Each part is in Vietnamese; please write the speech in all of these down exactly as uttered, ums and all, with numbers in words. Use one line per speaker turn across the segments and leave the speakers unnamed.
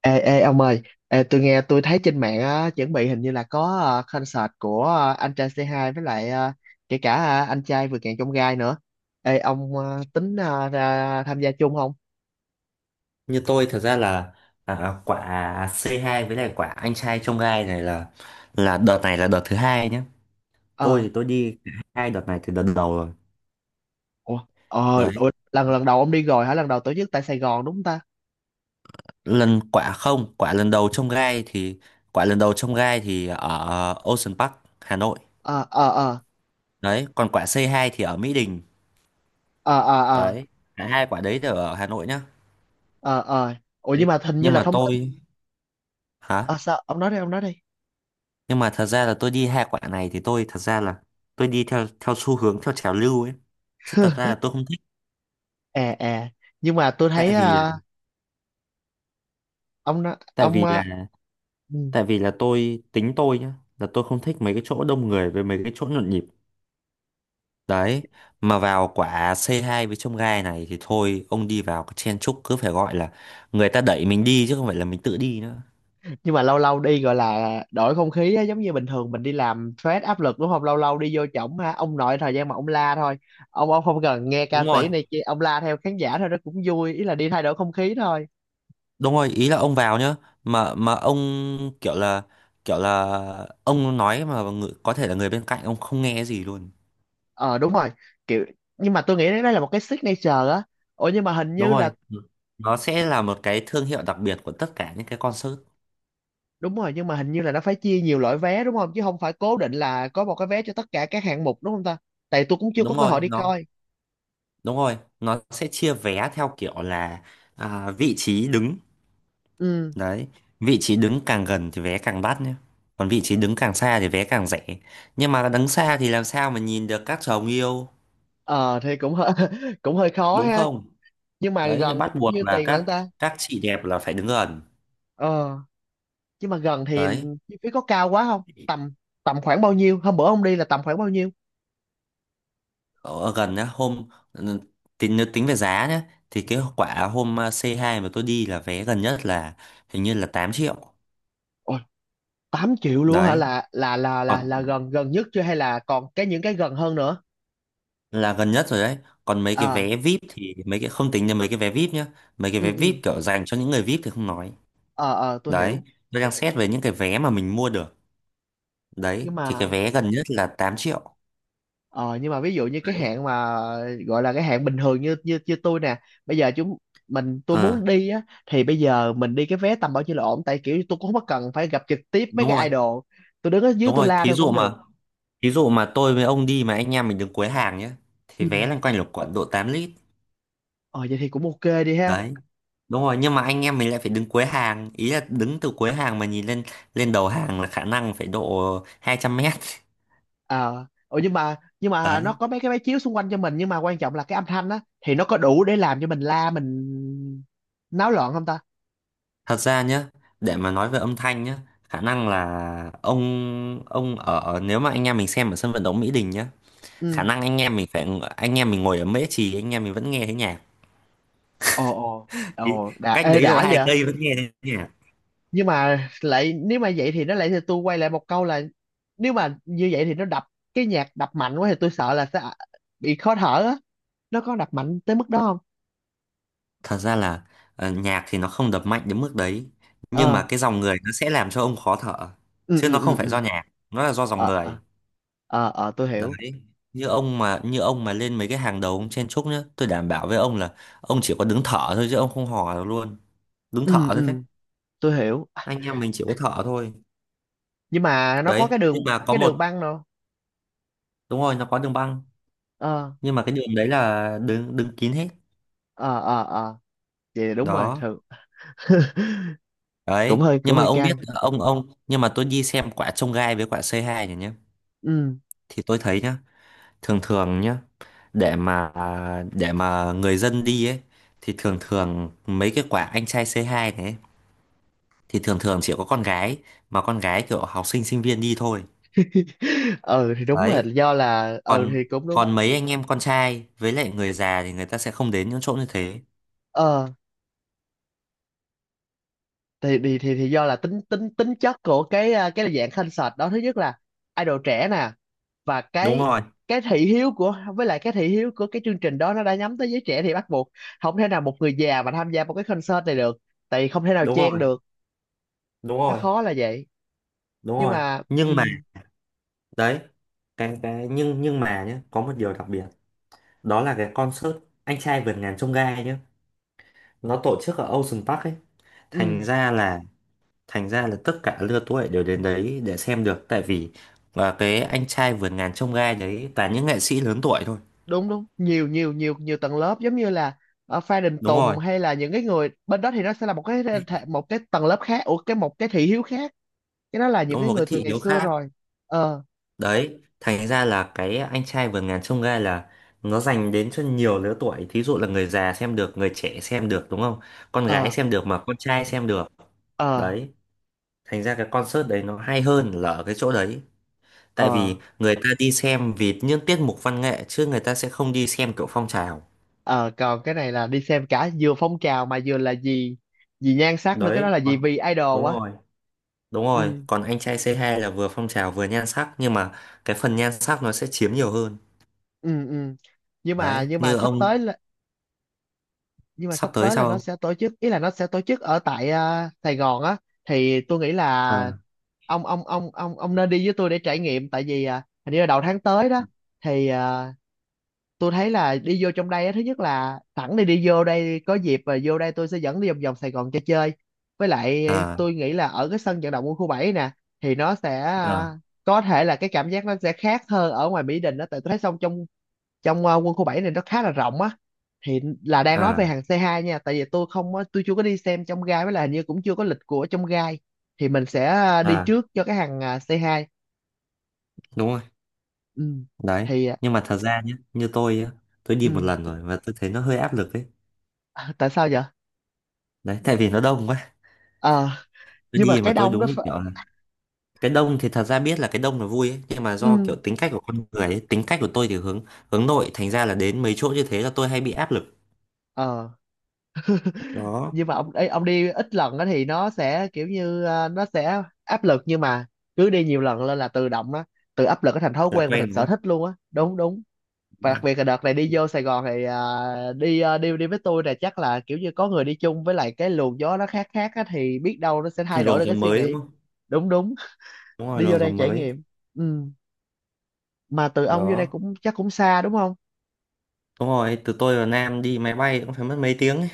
Ê, ê ông ơi, ê, tôi nghe tôi thấy trên mạng á, chuẩn bị hình như là có ờ, concert của ờ, anh trai xê hai với lại ờ, kể cả ờ, anh trai vượt ngàn chông gai nữa. Ê ông ờ, tính ờ, ra tham gia chung không?
Như tôi thật ra là, à, quả c hai với lại quả anh trai trong gai này là là đợt này là đợt thứ hai nhé. Tôi
Ờ.
thì tôi đi cả hai đợt này từ đợt đầu rồi.
Ủa. Ờ.
Đấy.
Ủa, lần lần đầu ông đi rồi hả? Lần đầu tổ chức tại Sài Gòn đúng không ta?
Lần quả không quả lần đầu trong gai thì, quả lần đầu trong gai thì ở Ocean Park Hà Nội.
Ờ, ờ, ờ,
Đấy, còn quả c hai thì ở Mỹ Đình.
ờ, ờ, ờ,
Đấy, cả hai quả đấy đều ở Hà Nội nhá.
ờ, ờ. Ủa
Đấy,
nhưng mà hình như
nhưng
là
mà
thông tin.
tôi... Hả?
Ờ sao? Ông nói đi, ông nói đi.
Nhưng mà thật ra là tôi đi hai quả này thì tôi thật ra là tôi đi theo theo xu hướng theo trào lưu ấy, chứ thật ra là tôi không thích.
À à, nhưng mà tôi thấy.
tại vì
Ờ, ông nó-
tại
ông
vì
ờ,
là
ừ.
tại vì là tôi tính tôi nhá, là tôi không thích mấy cái chỗ đông người với mấy cái chỗ nhộn nhịp. Đấy, mà vào quả c hai với trông gai này thì thôi, ông đi vào cái chen chúc cứ phải gọi là người ta đẩy mình đi chứ không phải là mình tự đi nữa.
Nhưng mà lâu lâu đi gọi là đổi không khí á, giống như bình thường mình đi làm stress áp lực đúng không, lâu lâu đi vô trỏng ha ông nội, thời gian mà ông la thôi, ông ông không cần nghe
Đúng
ca
rồi,
sĩ này kia, ông la theo khán giả thôi, nó cũng vui, ý là đi thay đổi không khí thôi.
đúng rồi, ý là ông vào nhá, mà mà ông kiểu là kiểu là ông nói mà người, có thể là người bên cạnh ông không nghe gì luôn.
Ờ đúng rồi, kiểu, nhưng mà tôi nghĩ đấy là một cái signature á. Ủa nhưng mà hình
Đúng
như là
rồi. Ừ. Nó sẽ là một cái thương hiệu đặc biệt của tất cả những cái concert.
đúng rồi, nhưng mà hình như là nó phải chia nhiều loại vé đúng không, chứ không phải cố định là có một cái vé cho tất cả các hạng mục đúng không ta? Tại tôi cũng chưa có
đúng
cơ
rồi
hội đi
nó
coi.
Đúng rồi, nó sẽ chia vé theo kiểu là à, vị trí đứng.
Ừ.
Đấy, vị trí đứng càng gần thì vé càng đắt nhé. Còn vị trí đứng càng xa thì vé càng rẻ. Nhưng mà đứng xa thì làm sao mà nhìn được các chồng yêu,
Ờ thì cũng hơi cũng hơi khó
đúng
ha,
không?
nhưng mà
Đấy, thì
gần
bắt buộc
như
là
tiền lận
các
ta.
các chị đẹp là phải đứng gần.
Ờ nhưng mà gần thì
Đấy,
chi phí có cao quá không, tầm tầm khoảng bao nhiêu hôm bữa ông đi là tầm khoảng bao nhiêu?
ở gần nhá, hôm ừ, tính nếu tính về giá nhá, thì cái quả hôm à, c hai mà tôi đi là vé gần nhất là hình như là tám triệu.
Ôi, tám triệu luôn hả,
Đấy,
là là là là là gần, gần nhất chưa hay là còn cái những cái gần hơn nữa?
là gần nhất rồi đấy. Còn mấy cái
À,
vé vip thì mấy cái không tính đến mấy cái vé vip nhá. Mấy cái
ừ
vé
ừ,
vip kiểu dành cho những người vip thì không nói.
ờ ờ, tôi
Đấy,
hiểu.
tôi đang xét về những cái vé mà mình mua được.
Nhưng
Đấy, thì cái
mà
vé gần nhất là tám triệu.
ờ nhưng mà ví dụ như cái
Đấy,
hạn mà gọi là cái hạn bình thường, như như như tôi nè, bây giờ chúng mình tôi muốn
ờ,
đi á, thì bây giờ mình đi cái vé tầm bao nhiêu là ổn, tại kiểu tôi cũng không có cần phải gặp trực tiếp mấy
đúng rồi
cái idol, tôi đứng ở dưới
đúng
tôi
rồi.
la
Thí
thôi
dụ
cũng được.
mà thí dụ mà tôi với ông đi mà anh em mình đứng cuối hàng nhá, thì vé
Ừ.
loanh quanh là khoảng độ tám lít.
Ờ vậy thì cũng ok đi ha.
Đấy, đúng rồi, nhưng mà anh em mình lại phải đứng cuối hàng, ý là đứng từ cuối hàng mà nhìn lên lên đầu hàng là khả năng phải độ hai trăm mét.
Ờ, ủa nhưng mà nhưng mà nó
Đấy.
có mấy cái máy chiếu xung quanh cho mình, nhưng mà quan trọng là cái âm thanh á thì nó có đủ để làm cho mình la, mình náo loạn không ta?
Thật ra nhá, để mà nói về âm thanh nhá, khả năng là ông ông ở nếu mà anh em mình xem ở sân vận động Mỹ Đình nhá, khả
Ừ.
năng anh em mình phải, anh em mình ngồi ở Mễ Trì anh em mình vẫn nghe thấy nhạc.
Ồ ồ.
Ý,
Ồ đã,
cách
ê
đấy độ
đã
hai
vậy.
cây vẫn nghe thấy nhạc.
Nhưng mà lại nếu mà vậy thì nó lại, thì tôi quay lại một câu là nếu mà như vậy thì nó đập, cái nhạc đập mạnh quá thì tôi sợ là sẽ bị khó thở á, nó có đập mạnh tới mức đó không?
Thật ra là, ờ, nhạc thì nó không đập mạnh đến mức đấy, nhưng
Ờ,
mà cái dòng người nó sẽ làm cho ông khó thở,
ừ
chứ
ừ
nó
ừ
không phải
ừ
do nhạc, nó là do dòng
ờ,
người.
ờ, ờ, ờ, tôi hiểu.
Đấy. Như ông mà như ông mà lên mấy cái hàng đầu ông chen chúc nhá, tôi đảm bảo với ông là ông chỉ có đứng thở thôi chứ ông không hò được luôn, đứng thở
Ừ
thôi đấy.
ừ, tôi hiểu.
Anh em mình chỉ có thợ thôi.
Nhưng mà nó có
Đấy,
cái
nhưng
đường,
mà có
cái
một...
đường băng
Đúng rồi, nó có đường băng,
đâu?
nhưng mà cái đường đấy là đứng đứng kín hết.
Ờ ờ ờ, vậy là đúng rồi
Đó.
thường. Cũng
Đấy,
hơi, cũng
nhưng mà
hơi
ông biết
căng.
là ông ông nhưng mà tôi đi xem quả trông gai với quả c hai này nhá,
Ừ.
thì tôi thấy nhá, thường thường nhá, để mà để mà người dân đi ấy, thì thường thường mấy cái quả anh trai c hai này ấy, thì thường thường chỉ có con gái, mà con gái kiểu học sinh sinh viên đi thôi.
Ừ thì đúng rồi,
Đấy.
do là ừ
Còn
thì cũng đúng.
Còn mấy anh em con trai với lại người già thì người ta sẽ không đến những chỗ như thế.
Ờ thì thì thì, thì do là tính tính tính chất của cái à, cái dạng concert đó. Thứ nhất là idol trẻ nè, và
Đúng
cái
rồi,
cái thị hiếu của, với lại cái thị hiếu của cái chương trình đó nó đã nhắm tới giới trẻ, thì bắt buộc không thể nào một người già mà tham gia một cái concert này được, tại vì không thể nào
đúng
chen
rồi,
được,
đúng
nó
rồi,
khó là vậy.
đúng
Nhưng
rồi,
mà ừ,
nhưng mà đấy, cái cái nhưng nhưng mà nhé, có một điều đặc biệt, đó là cái concert anh trai vượt ngàn chông gai nhé, nó tổ chức ở Ocean Park ấy. thành
ừ
ra là Thành ra là tất cả lứa tuổi đều đến đấy để xem được, tại vì và cái anh trai vượt ngàn chông gai đấy toàn những nghệ sĩ lớn tuổi thôi.
đúng đúng, nhiều nhiều nhiều nhiều tầng lớp, giống như là ở Phan Đình
Đúng rồi,
Tùng hay là những cái người bên đó thì nó sẽ là một cái thể- một cái tầng lớp khác, ủa cái một cái thị hiếu khác, cái đó là những
đúng
cái
một cái
người từ
thị
ngày
hiếu
xưa
khác.
rồi. Ờ,
Đấy, thành ra là cái anh trai vượt ngàn chông gai là nó dành đến cho nhiều lứa tuổi. Thí dụ là người già xem được, người trẻ xem được đúng không? Con gái
ờ,
xem được mà con trai xem được.
ờ,
Đấy, thành ra cái concert đấy nó hay hơn là ở cái chỗ đấy. Tại
ờ,
vì người ta đi xem vì những tiết mục văn nghệ chứ người ta sẽ không đi xem kiểu phong trào.
ờ, còn cái này là đi xem cả vừa phong trào mà vừa là gì, gì nhan sắc nữa, cái đó
Đấy,
là
vâng,
gì, vì
đúng
idol á.
rồi, đúng rồi.
Ừ
Còn anh trai c hai là vừa phong trào vừa nhan sắc, nhưng mà cái phần nhan sắc nó sẽ chiếm nhiều hơn.
ừ, ừ nhưng mà
Đấy,
nhưng mà
như
sắp
ông...
tới, nhưng mà
Sắp
sắp
tới
tới là
sao
nó
không?
sẽ tổ chức, ý là nó sẽ tổ chức ở tại à, Sài Gòn á, thì tôi nghĩ là
À,
ông ông ông ông ông nên đi với tôi để trải nghiệm, tại vì à, hình như là đầu tháng tới đó, thì à, tôi thấy là đi vô trong đây á, thứ nhất là sẵn đi, đi vô đây có dịp, và vô đây tôi sẽ dẫn đi vòng vòng Sài Gòn cho chơi, với lại
à,
tôi nghĩ là ở cái sân vận động quân khu bảy nè, thì nó sẽ
à,
à, có thể là cái cảm giác nó sẽ khác hơn ở ngoài Mỹ Đình đó, tại tôi thấy xong trong trong ờ, quân khu bảy này nó khá là rộng á, thì là đang nói về
à,
hàng xê hai nha, tại vì tôi không có- tôi chưa có đi xem trong gai, với là hình như cũng chưa có lịch của trong gai, thì mình sẽ ờ, đi
à
trước cho cái hàng ờ, xê hai.
đúng rồi.
Ừ,
Đấy,
thì ờ,
nhưng mà thật ra nhé, như tôi á, tôi đi một
ừ.
lần rồi và tôi thấy nó hơi áp lực ấy.
À, tại sao vậy?
Đấy, tại vì nó đông quá.
Ờ
Tôi
nhưng mà
đi mà
cái
tôi
đông nó
đúng như
ph-
kiểu là, cái đông thì thật ra biết là cái đông là vui ấy, nhưng mà do
ừ.
kiểu tính cách của con người ấy, tính cách của tôi thì hướng hướng nội, thành ra là đến mấy chỗ như thế là tôi hay bị áp lực.
Ờ
Đó,
nhưng mà ông ấy ông đi ít lần á thì nó sẽ kiểu như ờ, nó sẽ áp lực, nhưng mà cứ đi nhiều lần lên là tự động đó, tự áp lực nó thành thói
là
quen và
quen
thành
đúng
sở
không?
thích luôn á. Đúng đúng. Và
Đúng rồi.
đặc biệt là đợt này đi vô Sài Gòn thì à, đi à, đi đi với tôi là chắc là kiểu như có người đi chung, với lại cái luồng gió nó khác khác á, thì biết đâu nó sẽ thay đổi
Luồng
được
gió
cái suy
mới đúng
nghĩ.
không?
Đúng đúng,
Đúng rồi,
đi vô
luồng gió
đây trải
mới.
nghiệm. Ừ. Mà từ ông vô đây
Đó,
cũng chắc cũng xa đúng không?
đúng rồi, từ tôi và Nam đi máy bay cũng phải mất mấy tiếng ấy.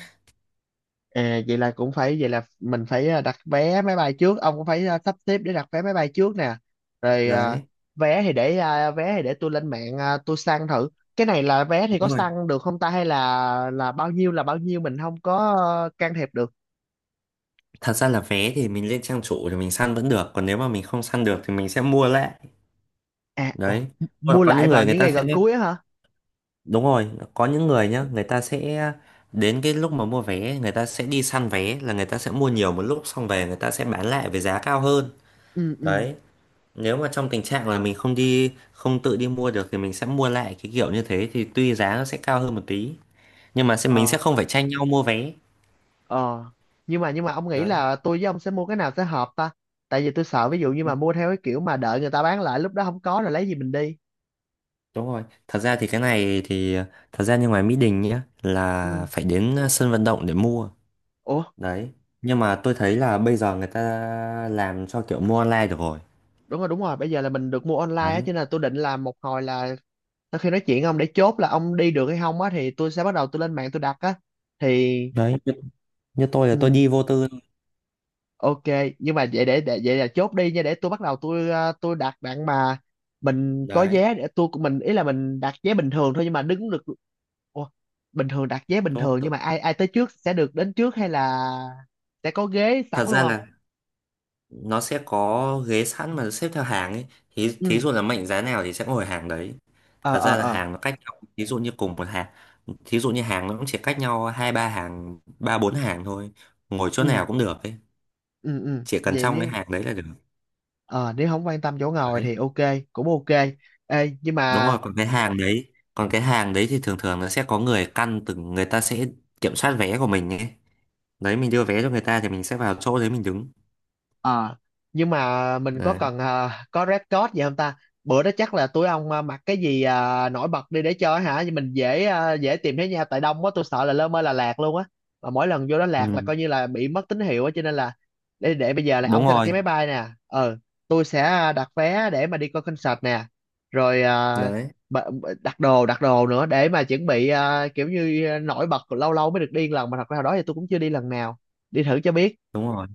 À vậy là cũng phải, vậy là mình phải à, đặt vé máy bay trước, ông cũng phải à, sắp xếp để đặt vé máy bay trước nè, rồi à,
Đấy,
vé thì để à, vé thì để tôi lên mạng à, tôi săn thử. Cái này là vé thì có
đúng rồi.
săn được không ta, hay là là bao nhiêu là bao nhiêu mình không có ờ, can thiệp được?
Thật ra là vé thì mình lên trang chủ thì mình săn vẫn được. Còn nếu mà mình không săn được thì mình sẽ mua lại.
À ồ,
Đấy.
mua
Có có
lại
những
vào
người người
những
ta
ngày
sẽ...
gần cuối á hả?
Đúng rồi, có những người nhá, người ta sẽ, đến cái lúc mà mua vé, người ta sẽ đi săn vé, là người ta sẽ mua nhiều một lúc, xong về người ta sẽ bán lại với giá cao hơn.
Ừ ừ,
Đấy. Nếu mà trong tình trạng là mình không đi, không tự đi mua được, thì mình sẽ mua lại cái kiểu như thế. Thì tuy giá nó sẽ cao hơn một tí, nhưng mà sẽ
ờ
mình sẽ không phải tranh nhau mua vé.
ờ, nhưng mà nhưng mà ông nghĩ
Đấy.
là tôi với ông sẽ mua cái nào sẽ hợp ta, tại vì tôi sợ ví dụ như mà mua theo cái kiểu mà đợi người ta bán lại, lúc đó không có rồi lấy gì mình đi?
Đúng rồi, thật ra thì cái này thì thật ra như ngoài Mỹ Đình nhá, là
Ừ,
phải đến ờ, sân vận động để mua.
ủa.
Đấy. Nhưng mà tôi thấy là bây giờ người ta làm cho kiểu mua online được rồi.
Đúng rồi đúng rồi, bây giờ là mình được mua online á, cho
Đấy.
nên là tôi định là một hồi là sau khi nói chuyện ông để chốt là ông đi được hay không á thì tôi sẽ bắt đầu tôi lên mạng tôi đặt á, thì
Đấy, như, Như tôi là tôi
ừ.
đi vô tư.
Ok, nhưng mà vậy để, để vậy là chốt đi nha, để tôi bắt đầu tôi ờ, tôi đặt bạn mà. Mình có
Đấy.
vé để tôi của mình, ý là mình đặt vé bình thường thôi nhưng mà đứng được. Ủa, bình thường đặt vé bình
Đúng
thường nhưng
không?
mà ai ai tới trước sẽ được đến trước hay là sẽ có ghế sẵn
Thật
luôn
ra
không?
là nó sẽ có ghế sẵn mà xếp theo hàng ấy. Thí, thí
Ừ,
dụ là mệnh giá nào thì sẽ ngồi hàng đấy.
ờ
Thật
ờ
ra là
ờ,
hàng nó cách nhau, thí dụ như cùng một hàng, thí dụ như hàng nó cũng chỉ cách nhau hai ba hàng, ba bốn hàng thôi. Ngồi chỗ
ừ
nào cũng được ấy.
ừ ừ.
Chỉ cần
Vậy
trong cái
nếu
hàng đấy là được.
ờ nếu không quan tâm chỗ ngồi
Đấy,
thì ok, cũng ok. Ê, nhưng
đúng
mà.
rồi, còn cái hàng đấy còn cái hàng đấy thì thường thường nó sẽ có người căn từng người ta sẽ kiểm soát vé của mình ấy. Đấy, mình đưa vé cho người ta thì mình sẽ vào chỗ đấy mình đứng.
Ờ, nhưng mà mình có
Đấy.
cần ờ, có red code gì không ta? Bữa đó chắc là tụi ông ờ, mặc cái gì ờ, nổi bật đi để chơi hả? Nhưng mình dễ ờ, dễ tìm thấy nhau, tại đông quá tôi sợ là lơ mơ là lạc luôn á. Mà mỗi lần vô đó lạc là
Ừ.
coi như là bị mất tín hiệu á, cho nên là để để bây giờ là ông
Đúng
sẽ đặt
rồi.
cái máy bay nè. Ờ, tôi sẽ ờ, đặt vé để mà đi coi concert nè. Rồi ờ,
Đấy,
b- b- đặt đồ đặt đồ nữa để mà chuẩn bị ờ, kiểu như ờ, nổi bật, lâu lâu mới được đi một lần, mà thật ra hồi đó thì tôi cũng chưa đi lần nào. Đi thử cho biết.
đúng rồi,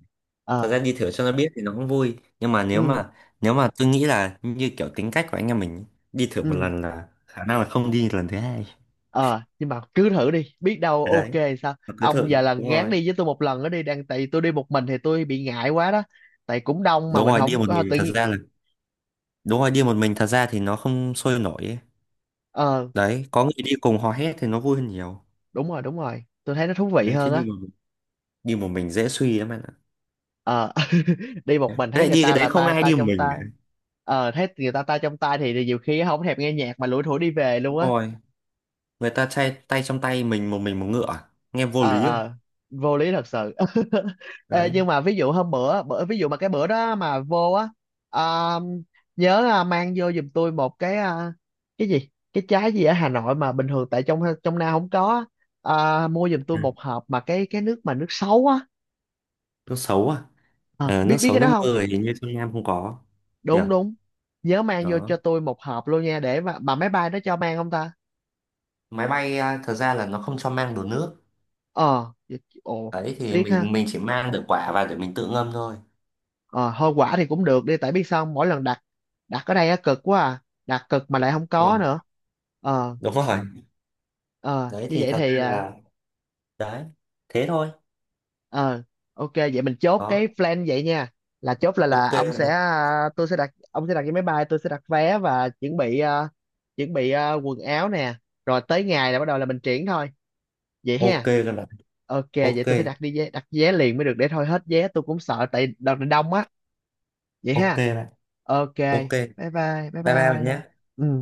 thật
Ờ,
ra đi thử cho nó biết thì nó cũng vui, nhưng mà nếu
ừ.
mà nếu mà tôi nghĩ là như kiểu tính cách của anh em mình ấy, đi thử một
Ừ.
lần là khả năng là không đi lần thứ hai.
Ờ nhưng mà cứ thử đi biết đâu
Đấy,
ok. Sao
mà cứ thử.
ông giờ là
Đúng
gán
rồi,
đi với tôi một lần nữa đi đang, tại vì tôi đi một mình thì tôi bị ngại quá đó, tại cũng đông mà
đúng
mình
rồi, đi
không
một
có
mình
tự
thật
nhiên.
ra là, đúng rồi, đi một mình thật ra thì nó không sôi nổi ấy.
Ờ
Đấy, có người đi cùng hò hét thì nó vui hơn nhiều.
đúng rồi đúng rồi, tôi thấy nó thú vị
Đấy, chứ
hơn á.
đi một đi một mình dễ suy lắm anh ạ.
Ờ đi một
Thế
mình thấy
lại
người
đi cái
ta
đấy
là
không
tay
ai
tay
đi một
trong
mình
tay.
cả.
Ờ thấy người ta tay trong tay thì nhiều khi không thèm nghe nhạc mà lủi thủi đi về luôn
Đúng
á.
rồi, người ta chay tay trong tay mình một mình một ngựa à? Nghe vô
Ờ
lý không?
ờ, vô lý thật sự. Ê,
Đấy.
nhưng mà ví dụ hôm bữa bữa, ví dụ mà cái bữa đó mà vô á, à, nhớ à, mang vô giùm tôi một cái à, cái gì cái trái gì ở Hà Nội mà bình thường tại trong trong Nam không có á. À, mua giùm tôi
à,
một hộp mà cái cái nước mà nước sấu á.
Nước xấu à?
à,
Ờ,
biết
nước
Biết
xấu
cái
nước
đó không?
mưa thì hình như trong Nam không có nhỉ.
Đúng đúng, nhớ mang vô cho
Đó.
tôi một hộp luôn nha, để mà, mà máy bay nó cho mang không ta?
Máy bay à, thật ra là nó không cho mang đồ nước.
Ờ vậy- ồ,
Đấy, thì
tiếc ha.
mình mình chỉ mang được quả và để mình tự ngâm thôi.
Ờ, hơi quả thì cũng được đi, tại biết sao không? Mỗi lần đặt, đặt ở đây á cực quá, à đặt cực mà lại không
Đúng
có
rồi,
nữa. Ờ
đúng rồi.
ờ,
Đấy,
như
thì
vậy
thật ra
thì à,
là... Đấy, thế thôi.
ờ ok, vậy mình chốt
Đó.
cái plan vậy nha, là chốt là
Ok
là ông
bạn
sẽ
ạ.
à, tôi sẽ đặt, ông sẽ đặt cái máy bay, tôi sẽ đặt vé và chuẩn bị à, chuẩn bị à, quần áo nè, rồi tới ngày là bắt đầu là mình triển thôi vậy
Ok
ha.
các bạn.
Ok vậy
Ok.
tôi phải đặt đi vé, đặt vé liền mới được, để thôi hết vé tôi cũng sợ tại đợt này đông á, vậy
Ok
ha,
bạn.
ok.
Ok. Bye
Bye bye bye
bye bạn
bye.
nhé.
Ừ.